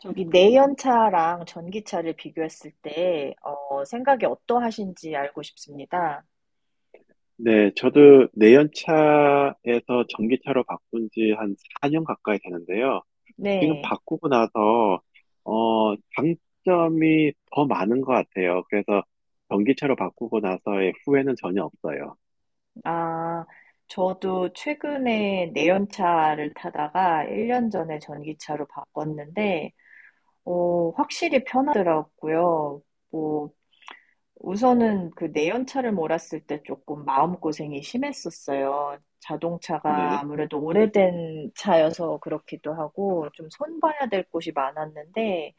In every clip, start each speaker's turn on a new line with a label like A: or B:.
A: 저기 내연차랑 전기차를 비교했을 때, 생각이 어떠하신지 알고 싶습니다.
B: 네, 저도 내연차에서 전기차로 바꾼 지 한 4년 가까이 되는데요. 지금
A: 네.
B: 바꾸고 나서, 장점이 더 많은 것 같아요. 그래서 전기차로 바꾸고 나서의 후회는 전혀 없어요.
A: 아, 저도 최근에 내연차를 타다가 1년 전에 전기차로 바꿨는데, 확실히 편하더라고요. 뭐, 우선은 그 내연차를 몰았을 때 조금 마음고생이 심했었어요. 자동차가
B: 네.
A: 아무래도 오래된 차여서 그렇기도 하고, 좀 손봐야 될 곳이 많았는데,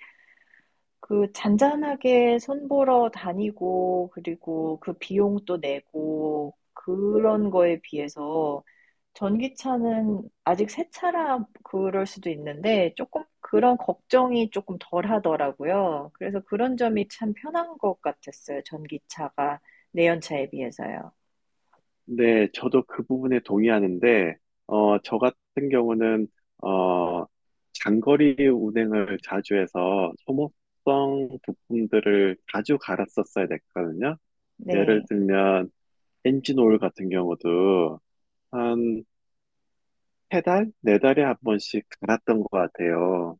A: 그 잔잔하게 손 보러 다니고 그리고 그 비용도 내고 그런 거에 비해서 전기차는 아직 새 차라 그럴 수도 있는데 조금 그런 걱정이 조금 덜 하더라고요. 그래서 그런 점이 참 편한 것 같았어요. 전기차가 내연차에 비해서요.
B: 네, 저도 그 부분에 동의하는데, 저 같은 경우는, 어, 장거리 운행을 자주 해서 소모성 부품들을 자주 갈았었어야 됐거든요. 예를
A: 네,
B: 들면, 엔진 오일 같은 경우도 한 세 달, 네 달에 한 번씩 갈았던 것 같아요.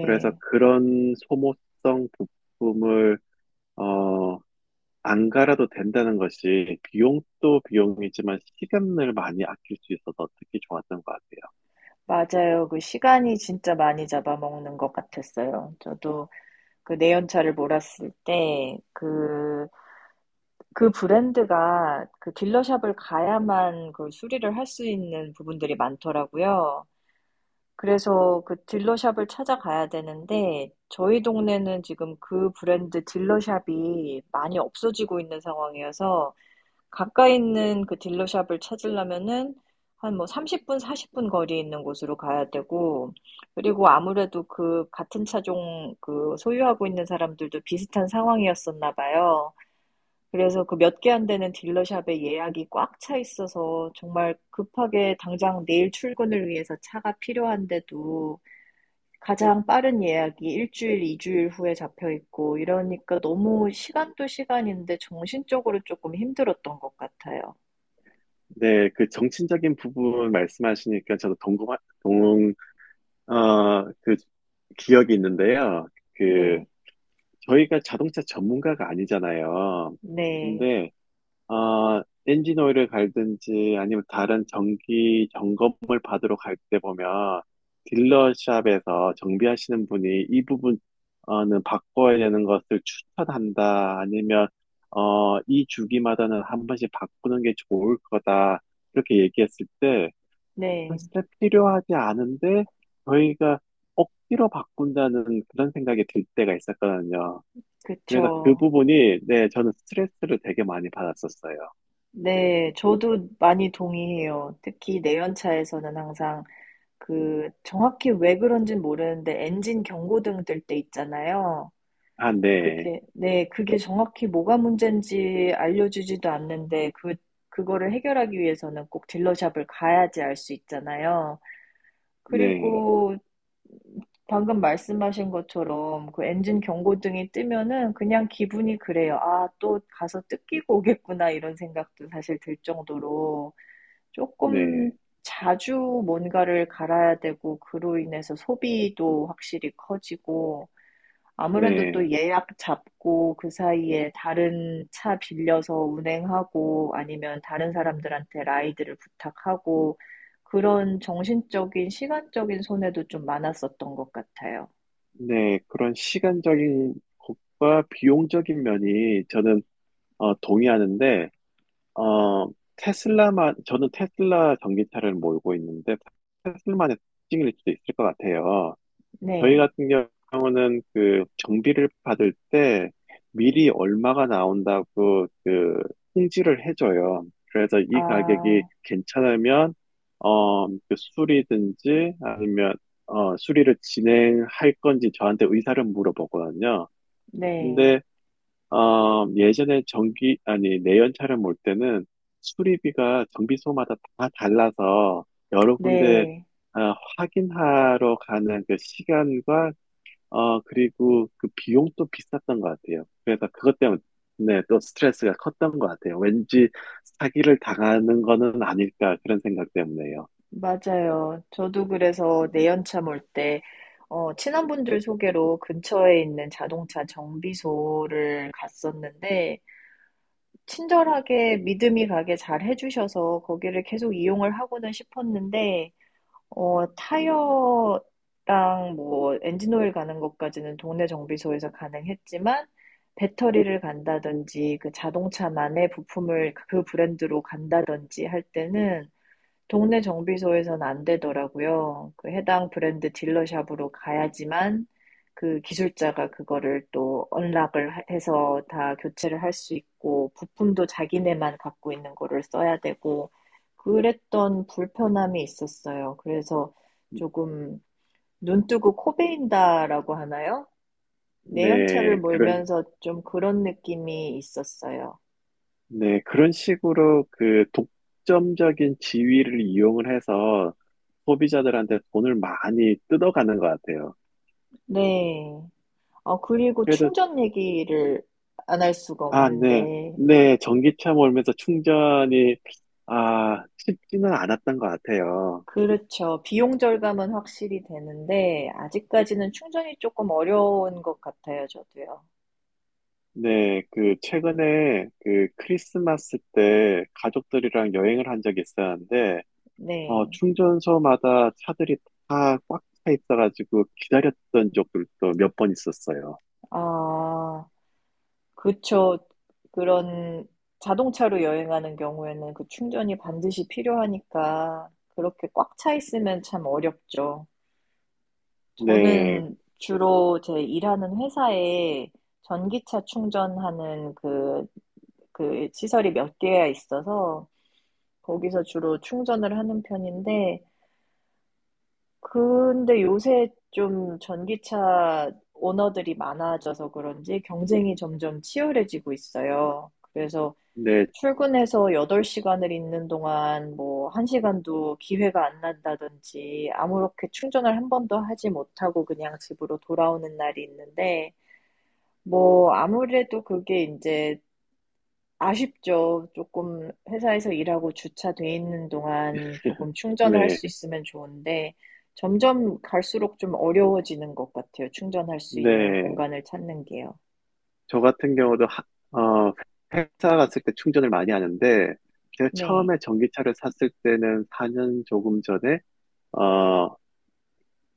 B: 그래서 그런 소모성 부품을 어, 안 갈아도 된다는 것이 비용도 비용이지만 시간을 많이 아낄 수 있어서 특히 좋았던 것 같아요.
A: 맞아요. 그 시간이 진짜 많이 잡아먹는 것 같았어요. 저도 그 내연차를 몰았을 때그 그 브랜드가 그 딜러샵을 가야만 그 수리를 할 수 있는 부분들이 많더라고요. 그래서 그 딜러샵을 찾아가야 되는데 저희 동네는 지금 그 브랜드 딜러샵이 많이 없어지고 있는 상황이어서 가까이 있는 그 딜러샵을 찾으려면은 한 뭐 30분, 40분 거리에 있는 곳으로 가야 되고 그리고 아무래도 그 같은 차종 그 소유하고 있는 사람들도 비슷한 상황이었었나 봐요. 그래서 그 몇 개 안 되는 딜러샵에 예약이 꽉 차 있어서 정말 급하게 당장 내일 출근을 위해서 차가 필요한데도 가장 빠른 예약이 일주일, 이주일 후에 잡혀 있고 이러니까 너무 시간도 시간인데 정신적으로 조금 힘들었던 것 같아요.
B: 네, 그 정치적인 부분 말씀하시니까 저도 동, 그 기억이 있는데요. 그
A: 네,
B: 저희가 자동차 전문가가 아니잖아요.
A: 네,
B: 근데 엔진 오일을 갈든지 아니면 다른 정기 점검을 받으러 갈 때 보면 딜러샵에서 정비하시는 분이 이 부분은 바꿔야 되는 것을 추천한다. 아니면 이 주기마다는 한 번씩 바꾸는 게 좋을 거다. 이렇게 얘기했을 때
A: 네,
B: 사실 필요하지 않은데 저희가 억지로 바꾼다는 그런 생각이 들 때가 있었거든요. 그래서 그
A: 그쵸.
B: 부분이, 네, 저는 스트레스를 되게 많이 받았었어요.
A: 네, 저도 많이 동의해요. 특히 내연차에서는 항상 그 정확히 왜 그런진 모르는데 엔진 경고등 뜰 때 있잖아요.
B: 아, 네,
A: 그게, 네, 그게 정확히 뭐가 문제인지 알려주지도 않는데, 그, 그거를 해결하기 위해서는 꼭 딜러샵을 가야지 알 수 있잖아요.
B: 네,
A: 그리고 방금 말씀하신 것처럼 그 엔진 경고등이 뜨면은 그냥 기분이 그래요. 아, 또 가서 뜯기고 오겠구나, 이런 생각도 사실 들 정도로 조금
B: 네,
A: 자주 뭔가를 갈아야 되고, 그로 인해서 소비도 확실히 커지고, 아무래도 또
B: 네,
A: 예약 잡고 그 사이에 다른 차 빌려서 운행하고 아니면 다른 사람들한테 라이드를 부탁하고 그런 정신적인, 시간적인 손해도 좀 많았었던 것 같아요.
B: 네. 그런 시간적인 것과 비용적인 면이 저는 동의하는데, 어, 저는 테슬라 전기차를 몰고 있는데, 테슬만의 특징일 수도 있을 것 같아요. 저희
A: 네.
B: 같은 경우는 그 정비를 받을 때 미리 얼마가 나온다고 그 통지를 해줘요. 그래서 이 가격이
A: 아,
B: 괜찮으면 그 수리든지 아니면 수리를 진행할 건지 저한테 의사를 물어보거든요.
A: 네.
B: 근데 예전에 전기 아니 내연차를 몰 때는 수리비가 정비소마다 다 달라서 여러 군데
A: 네.
B: 확인하러 가는 그 시간과 그리고 그 비용도 비쌌던 것 같아요. 그래서 그것 때문에 또 스트레스가 컸던 것 같아요. 왠지 사기를 당하는 거는 아닐까 그런 생각 때문에요.
A: 맞아요. 저도 그래서 내연차 몰 때, 친한 분들 소개로 근처에 있는 자동차 정비소를 갔었는데, 친절하게 믿음이 가게 잘 해 주셔서 거기를 계속 이용을 하고는 싶었는데 타이어랑 뭐 엔진 오일 가는 것까지는 동네 정비소에서 가능했지만 배터리를 간다든지 그 자동차만의 부품을 그 브랜드로 간다든지 할 때는 동네 정비소에선 안 되더라고요. 그 해당 브랜드 딜러샵으로 가야지만 그 기술자가 그거를 또 언락을 해서 다 교체를 할 수 있고 부품도 자기네만 갖고 있는 거를 써야 되고 그랬던 불편함이 있었어요. 그래서 조금 눈 뜨고 코 베인다라고 하나요? 내연차를
B: 네,
A: 몰면서 좀 그런 느낌이 있었어요.
B: 네, 그런 식으로 그 독점적인 지위를 이용을 해서 소비자들한테 돈을 많이 뜯어가는 것 같아요.
A: 네. 그리고
B: 그래도.
A: 충전 얘기를 안 할 수가
B: 아, 네,
A: 없는데,
B: 네, 전기차 몰면서 충전이, 아, 쉽지는 않았던 것 같아요.
A: 그렇죠. 비용 절감은 확실히 되는데, 아직까지는 충전이 조금 어려운 것 같아요, 저도요.
B: 네, 그, 최근에 그 크리스마스 때 가족들이랑 여행을 한 적이 있었는데,
A: 네.
B: 충전소마다 차들이 다 꽉 차 있어가지고 기다렸던 적들도 몇 번 있었어요.
A: 아, 그쵸. 그런 자동차로 여행하는 경우에는 그 충전이 반드시 필요하니까, 그렇게 꽉 차 있으면 참 어렵죠.
B: 네,
A: 저는 주로 제 일하는 회사에 전기차 충전하는 그 시설이 몇 개야 있어서 거기서 주로 충전을 하는 편인데, 근데 요새 좀 전기차 오너들이 많아져서 그런지 경쟁이 점점 치열해지고 있어요. 그래서
B: 네,
A: 출근해서 8시간을 있는 동안 뭐 1시간도 기회가 안 난다든지 아무렇게 충전을 한 번도 하지 못하고 그냥 집으로 돌아오는 날이 있는데 뭐 아무래도 그게 이제 아쉽죠. 조금 회사에서 일하고 주차돼 있는 동안 조금 충전을 할
B: 네,
A: 수 있으면 좋은데 점점 갈수록 좀 어려워지는 것 같아요, 충전할 수 있는
B: 네.
A: 공간을 찾는 게요.
B: 저 같은 경우도, 어, 회사 갔을 때 충전을 많이 하는데, 제가
A: 네.
B: 처음에 전기차를 샀을 때는 4년 조금 전에, 어,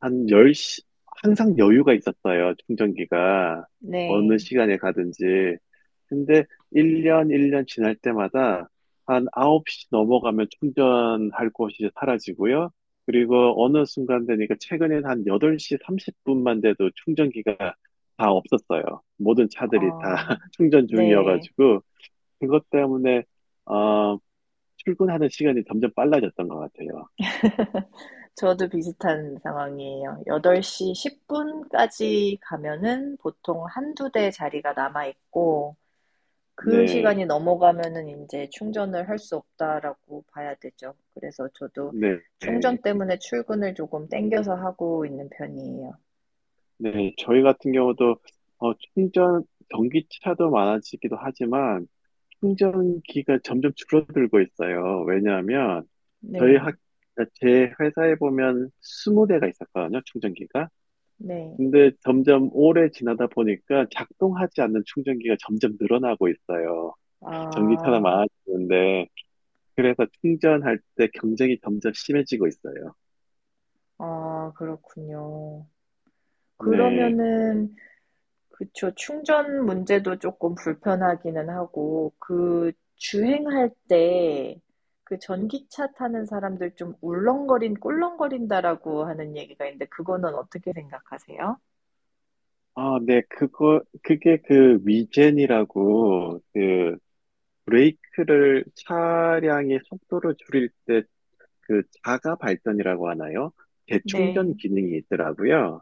B: 한 10시 항상 여유가 있었어요, 충전기가. 어느
A: 네.
B: 시간에 가든지. 근데 1년, 1년 지날 때마다 한 9시 넘어가면 충전할 곳이 사라지고요. 그리고 어느 순간 되니까 최근엔 한 8시 30분만 돼도 충전기가 다 없었어요. 모든 차들이 다
A: 아.
B: 충전
A: 네.
B: 중이어가지고, 그것 때문에, 어, 출근하는 시간이 점점 빨라졌던 것 같아요.
A: 저도 비슷한 상황이에요. 8:10 까지 가면은 보통 한두 대 자리가 남아 있고 그
B: 네,
A: 시간이 넘어가면은 이제 충전을 할 수 없다라고 봐야 되죠. 그래서 저도
B: 네. 네.
A: 충전 때문에 출근을 조금 땡겨서 하고 있는 편이에요.
B: 네, 저희 같은 경우도 어, 충전 전기차도 많아지기도 하지만 충전기가 점점 줄어들고 있어요. 왜냐하면 저희
A: 네.
B: 학, 제 회사에 보면 20대가 있었거든요, 충전기가.
A: 네.
B: 근데 점점 오래 지나다 보니까 작동하지 않는 충전기가 점점 늘어나고 있어요. 전기차나
A: 아.
B: 많아지는데 그래서 충전할 때 경쟁이 점점 심해지고 있어요.
A: 아 그렇군요.
B: 네.
A: 그러면은 그쵸. 충전 문제도 조금 불편하기는 하고 그 주행할 때 그 "전기차 타는 사람들 좀 울렁거린 꿀렁거린다."라고 하는 얘기가 있는데 그거는 어떻게 생각하세요?
B: 아, 네, 그게 그 위젠이라고, 브레이크를 차량의 속도를 줄일 때 그 자가 발전이라고 하나요? 재충전
A: 네.
B: 기능이 있더라고요.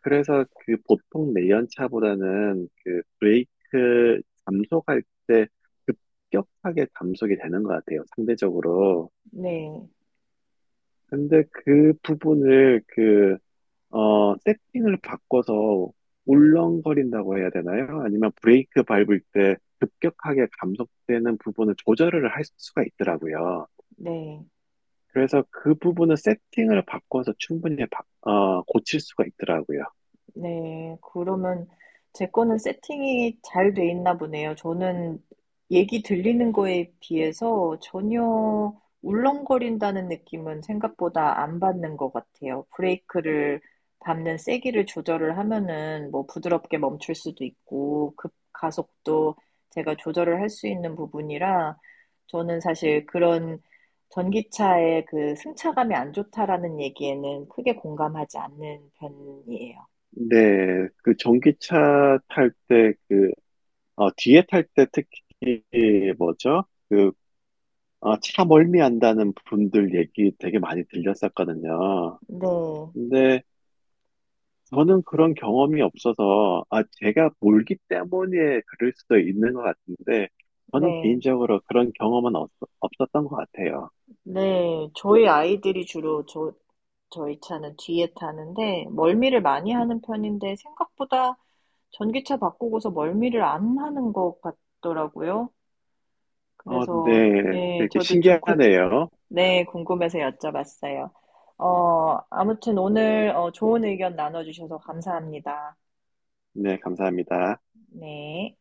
B: 그래서 그 보통 내연차보다는 그 브레이크 감속할 때 급격하게 감속이 되는 것 같아요. 상대적으로.
A: 네.
B: 근데 그 부분을 세팅을 바꿔서 울렁거린다고 해야 되나요? 아니면 브레이크 밟을 때 급격하게 감속되는 부분을 조절을 할 수가 있더라고요.
A: 네.
B: 그래서 그 부분은 세팅을 바꿔서 충분히 고칠 수가 있더라고요.
A: 네. 그러면 제 거는 세팅이 잘 돼 있나 보네요. 저는 얘기 들리는 거에 비해서 전혀 울렁거린다는 느낌은 생각보다 안 받는 것 같아요. 브레이크를 밟는 세기를 조절을 하면은 뭐 부드럽게 멈출 수도 있고 급 가속도 제가 조절을 할 수 있는 부분이라 저는 사실 그런 전기차의 그 승차감이 안 좋다라는 얘기에는 크게 공감하지 않는 편이에요.
B: 근데 그 전기차 탈 때 뒤에 탈 때 특히 뭐죠? 차 멀미한다는 분들 얘기 되게 많이 들렸었거든요.
A: 네,
B: 근데 저는 그런 경험이 없어서, 아, 제가 몰기 때문에 그럴 수도 있는 것 같은데, 저는
A: 네,
B: 개인적으로 그런 경험은 없었던 것 같아요.
A: 네. 저희 아이들이 주로 저희 차는 뒤에 타는데, 멀미를 많이 하는 편인데, 생각보다 전기차 바꾸고서 멀미를 안 하는 것 같더라고요. 그래서,
B: 네,
A: 예,
B: 되게
A: 저도 좀,
B: 신기하네요.
A: 네, 궁금해서 여쭤봤어요. 아무튼 오늘 좋은 의견 나눠주셔서 감사합니다.
B: 네, 감사합니다.
A: 네.